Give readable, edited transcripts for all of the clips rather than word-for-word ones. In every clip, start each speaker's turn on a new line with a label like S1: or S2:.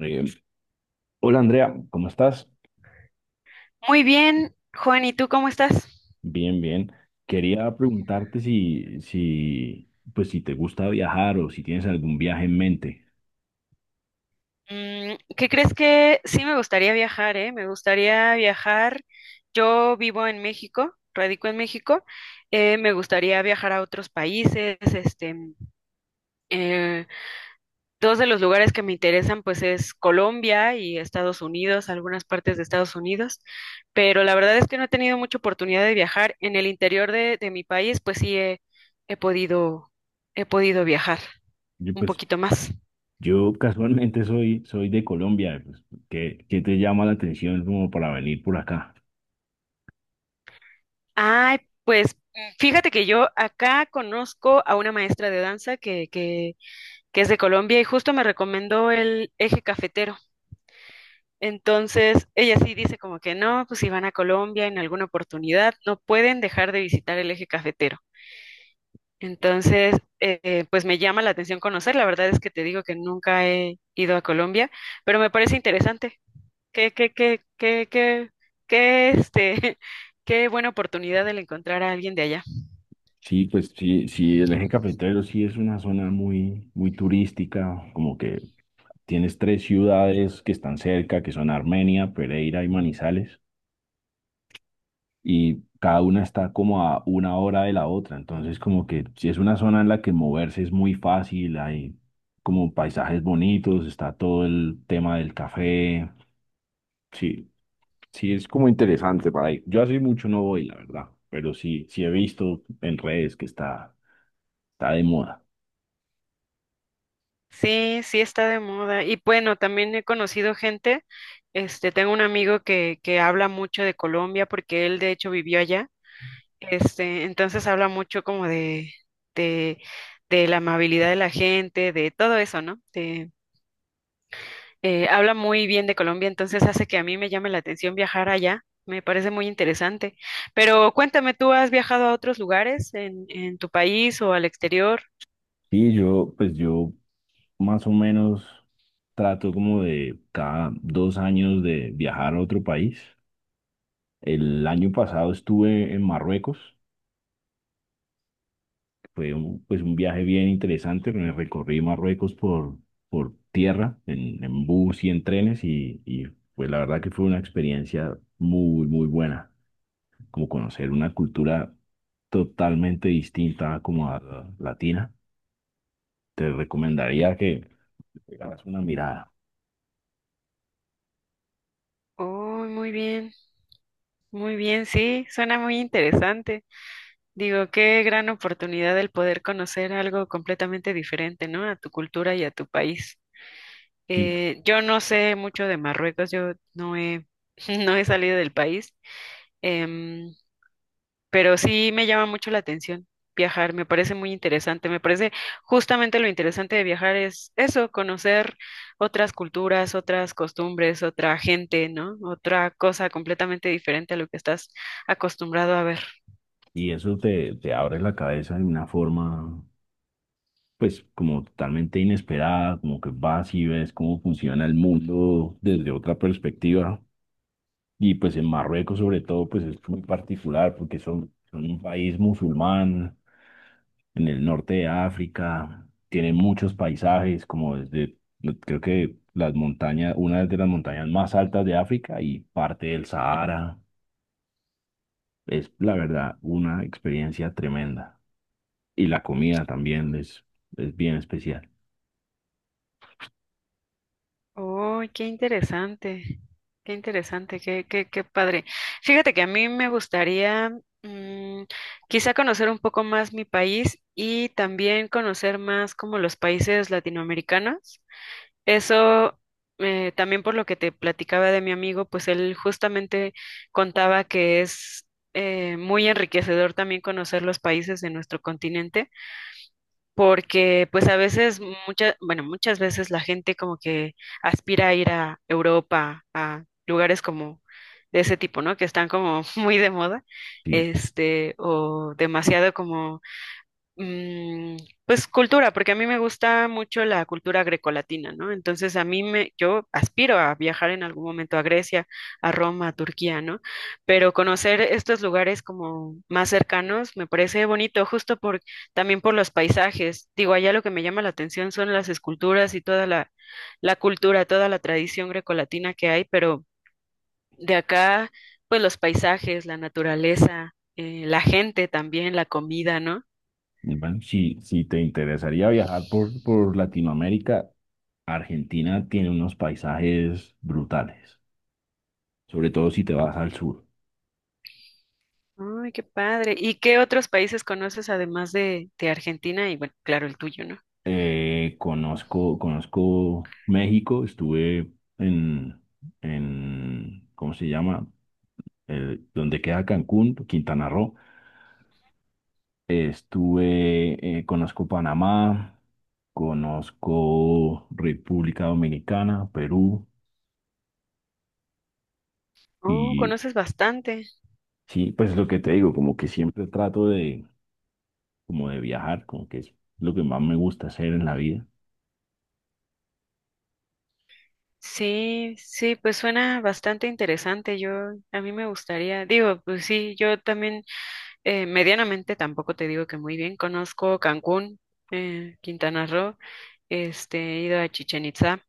S1: Eh, Hola Andrea, ¿cómo estás?
S2: Muy bien, Juan, ¿y tú cómo estás?
S1: Bien, bien. Quería preguntarte si te gusta viajar o si tienes algún viaje en mente.
S2: ¿Qué crees que sí me gustaría viajar, Me gustaría viajar. Yo vivo en México, radico en México. Me gustaría viajar a otros países. Eh, Dos de los lugares que me interesan, pues, es Colombia y Estados Unidos, algunas partes de Estados Unidos. Pero la verdad es que no he tenido mucha oportunidad de viajar. En el interior de mi país, pues sí he podido, he podido viajar
S1: Yo,
S2: un
S1: pues,
S2: poquito más.
S1: yo casualmente soy de Colombia. Pues, ¿qué te llama la atención como para venir por acá?
S2: Ay, pues fíjate que yo acá conozco a una maestra de danza que es de Colombia y justo me recomendó el eje cafetero. Entonces, ella sí dice como que no, pues si van a Colombia en alguna oportunidad, no pueden dejar de visitar el eje cafetero. Entonces, pues me llama la atención conocer. La verdad es que te digo que nunca he ido a Colombia, pero me parece interesante. Qué, qué, qué, qué, qué, qué, este, qué buena oportunidad el encontrar a alguien de allá.
S1: Sí, pues sí, sí, el eje cafetero sí es una zona muy, muy turística, como que tienes tres ciudades que están cerca, que son Armenia, Pereira y Manizales, y cada una está como a una hora de la otra. Entonces, como que si es una zona en la que moverse es muy fácil, hay como paisajes bonitos, está todo el tema del café. Sí, sí, es como interesante para ir. Yo hace mucho no voy, la verdad, pero sí, sí he visto en redes que está de moda.
S2: Sí, sí está de moda. Y bueno, también he conocido gente, tengo un amigo que habla mucho de Colombia porque él de hecho vivió allá. Este, entonces habla mucho como de, de la amabilidad de la gente, de todo eso, ¿no? Habla muy bien de Colombia, entonces hace que a mí me llame la atención viajar allá. Me parece muy interesante. Pero cuéntame, ¿tú has viajado a otros lugares en tu país o al exterior?
S1: Yo más o menos trato como de cada dos años de viajar a otro país. El año pasado estuve en Marruecos, pues un viaje bien interesante, me recorrí Marruecos por tierra, en bus y en trenes y pues la verdad que fue una experiencia muy, muy buena, como conocer una cultura totalmente distinta como a la latina. Te recomendaría que le hagas una mirada.
S2: Oh, muy bien, sí, suena muy interesante. Digo, qué gran oportunidad el poder conocer algo completamente diferente, ¿no? A tu cultura y a tu país.
S1: Si
S2: Yo no sé mucho de Marruecos, yo no he, no he salido del país, em, pero sí me llama mucho la atención viajar, me parece muy interesante, me parece justamente lo interesante de viajar es eso, conocer otras culturas, otras costumbres, otra gente, ¿no? Otra cosa completamente diferente a lo que estás acostumbrado a ver.
S1: Y eso te abre la cabeza de una forma, pues, como totalmente inesperada, como que vas y ves cómo funciona el mundo desde otra perspectiva. Y pues en Marruecos, sobre todo, pues es muy particular porque son un país musulmán en el norte de África, tienen muchos paisajes, como desde, creo que las montañas, una de las montañas más altas de África y parte del Sahara. Es la verdad una experiencia tremenda. Y la comida también es bien especial.
S2: Oh, qué interesante, qué interesante, qué padre. Fíjate que a mí me gustaría mm, quizá conocer un poco más mi país y también conocer más como los países latinoamericanos. Eso También por lo que te platicaba de mi amigo, pues él justamente contaba que es muy enriquecedor también conocer los países de nuestro continente porque pues a veces, muchas veces la gente como que aspira a ir a Europa, a lugares como de ese tipo, ¿no? Que están como muy de moda,
S1: Sí.
S2: o demasiado como Mm, pues cultura, porque a mí me gusta mucho la cultura grecolatina, ¿no? Entonces a mí me, yo aspiro a viajar en algún momento a Grecia, a Roma, a Turquía, ¿no? Pero conocer estos lugares como más cercanos me parece bonito, también por los paisajes. Digo, allá lo que me llama la atención son las esculturas y toda la cultura, toda la tradición grecolatina que hay, pero de acá, pues los paisajes, la naturaleza, la gente también, la comida, ¿no?
S1: Y bueno, si, si te interesaría viajar por Latinoamérica, Argentina tiene unos paisajes brutales, sobre todo si te vas al sur.
S2: Ay, qué padre. ¿Y qué otros países conoces además de Argentina y, bueno, claro, el tuyo, ¿no?
S1: Conozco México, estuve en, en, ¿cómo se llama? El- donde queda Cancún, Quintana Roo. Estuve, conozco Panamá, conozco República Dominicana, Perú.
S2: Oh,
S1: Y
S2: conoces bastante.
S1: sí, pues lo que te digo, como que siempre como de viajar, como que es lo que más me gusta hacer en la vida.
S2: Sí, sí, pues suena bastante interesante. Yo, a mí me gustaría, digo, pues sí, yo también medianamente tampoco te digo que muy bien. Conozco Cancún, Quintana Roo, he ido a Chichén Itzá.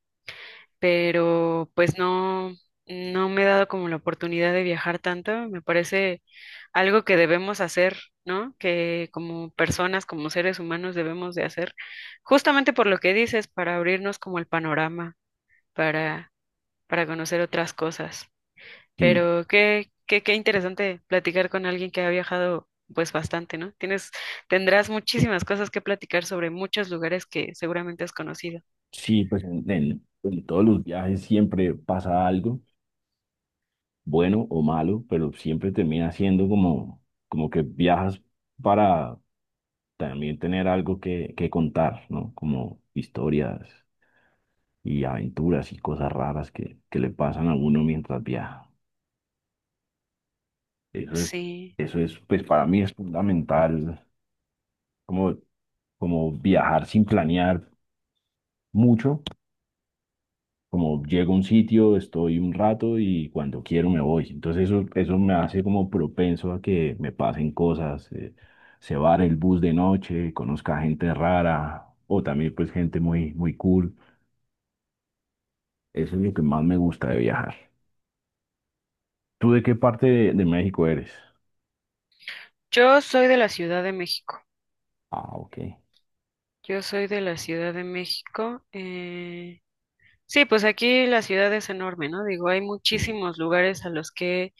S2: Pero pues no, no me he dado como la oportunidad de viajar tanto. Me parece algo que debemos hacer, ¿no? Que como personas, como seres humanos debemos de hacer, justamente por lo que dices, para abrirnos como el panorama, para, para conocer otras cosas.
S1: Sí,
S2: Pero qué interesante platicar con alguien que ha viajado pues bastante, ¿no? Tienes, tendrás muchísimas cosas que platicar sobre muchos lugares que seguramente has conocido.
S1: sí, pues en todos los viajes siempre pasa algo, bueno o malo, pero siempre termina siendo como, como que viajas para también tener algo que contar, ¿no? Como historias y aventuras y cosas raras que le pasan a uno mientras viaja. Eso es,
S2: Sí.
S1: eso es, pues para mí es fundamental como, como viajar sin planear mucho, como llego a un sitio, estoy un rato y cuando quiero me voy. Entonces eso me hace como propenso a que me pasen cosas, se vare el bus de noche, conozca gente rara o también pues gente muy, muy cool. Eso es lo que más me gusta de viajar. ¿Tú de qué parte de México eres?
S2: Yo soy de la Ciudad de México.
S1: Ah, ok.
S2: Yo soy de la Ciudad de México. Eh, sí, pues aquí la ciudad es enorme, ¿no? Digo, hay
S1: Sí.
S2: muchísimos lugares a los que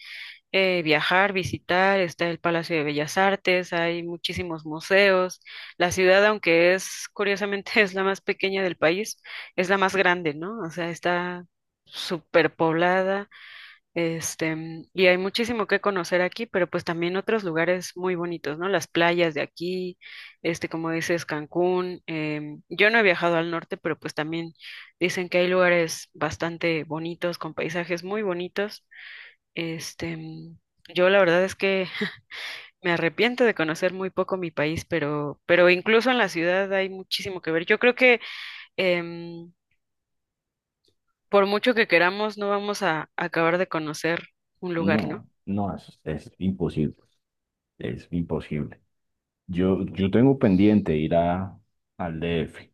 S2: viajar, visitar. Está el Palacio de Bellas Artes, hay muchísimos museos. La ciudad, aunque es, curiosamente, es la más pequeña del país, es la más grande, ¿no? O sea, está súper y hay muchísimo que conocer aquí, pero pues también otros lugares muy bonitos, ¿no? Las playas de aquí, como dices, Cancún. Yo no he viajado al norte, pero pues también dicen que hay lugares bastante bonitos, con paisajes muy bonitos. Este, mm, yo la verdad es que me arrepiento de conocer muy poco mi país, pero incluso en la ciudad hay muchísimo que ver. Yo creo que em, por mucho que queramos, no vamos a acabar de conocer un lugar,
S1: No,
S2: ¿no?
S1: no, es imposible, es imposible. Yo tengo pendiente ir a, al D F,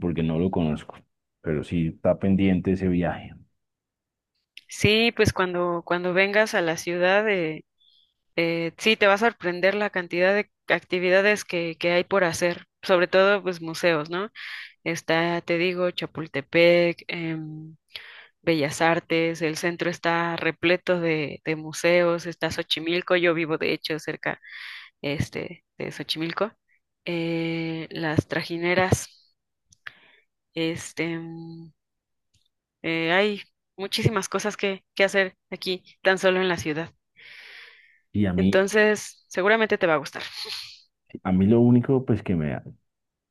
S1: porque no lo conozco, pero sí está pendiente ese viaje.
S2: Sí, pues cuando vengas a la ciudad, sí, te va a sorprender la cantidad de actividades que hay por hacer, sobre todo pues museos, ¿no? Está, te digo, Chapultepec, Bellas Artes, el centro está repleto de museos, está Xochimilco, yo vivo de hecho cerca de Xochimilco, las trajineras, este, em, hay muchísimas cosas que hacer aquí, tan solo en la ciudad.
S1: Y a mí,
S2: Entonces, seguramente te va a gustar.
S1: a mí lo único, pues que me,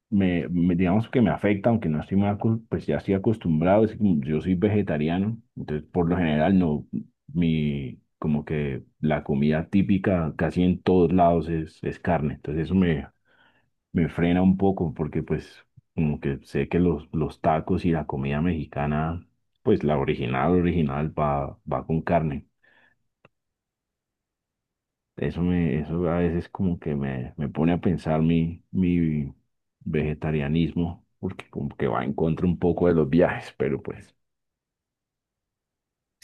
S1: me, me- digamos que me afecta, aunque no estoy mal, acos- pues ya estoy acostumbrado, es que como yo soy vegetariano, entonces por lo general no, mi, como que la comida típica casi en todos lados es carne, entonces me frena un poco, porque pues como que sé que los tacos y la comida mexicana, pues la original, original va con carne. Eso a veces como que me pone a pensar mi vegetarianismo, porque como que va en contra un poco de los viajes, pero pues,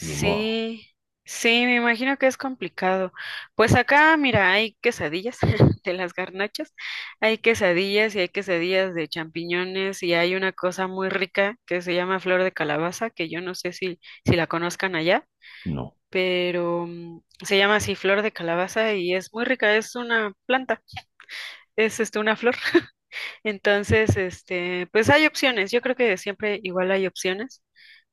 S1: ni modo,
S2: sí, me imagino que es complicado. Pues acá, mira, hay quesadillas de las garnachas, hay quesadillas y hay quesadillas de champiñones y hay una cosa muy rica que se llama flor de calabaza, que yo no sé si, si la conozcan allá,
S1: no.
S2: pero se llama así flor de calabaza y es muy rica, es una planta, es una flor. Entonces, pues hay opciones, yo creo que siempre igual hay opciones.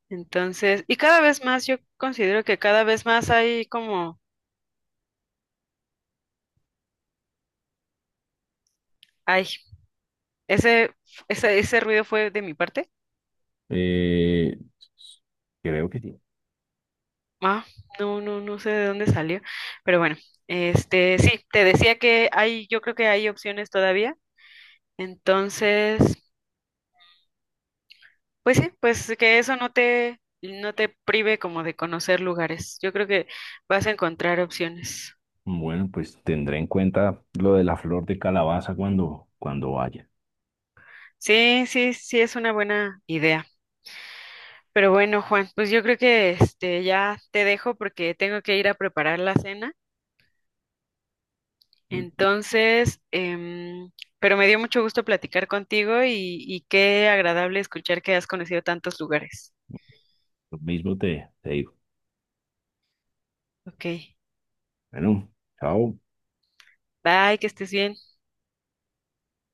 S2: Entonces, y cada vez más, yo considero que cada vez más hay como, ay, ese, ese ruido fue de mi parte.
S1: Eh, Creo que sí.
S2: Ah, no, no, no sé de dónde salió, pero bueno, sí, te decía que hay, yo creo que hay opciones todavía. Entonces, pues sí, pues que eso no no te prive como de conocer lugares. Yo creo que vas a encontrar opciones.
S1: Bueno, pues tendré en cuenta lo de la flor de calabaza cuando vaya.
S2: Sí, sí, sí, es una buena idea. Pero bueno, Juan, pues yo creo que este ya te dejo porque tengo que ir a preparar la cena.
S1: Lo
S2: Entonces, pero me dio mucho gusto platicar contigo y qué agradable escuchar que has conocido tantos lugares.
S1: mismo te digo.
S2: Ok,
S1: Bueno, chao.
S2: bye, que estés bien.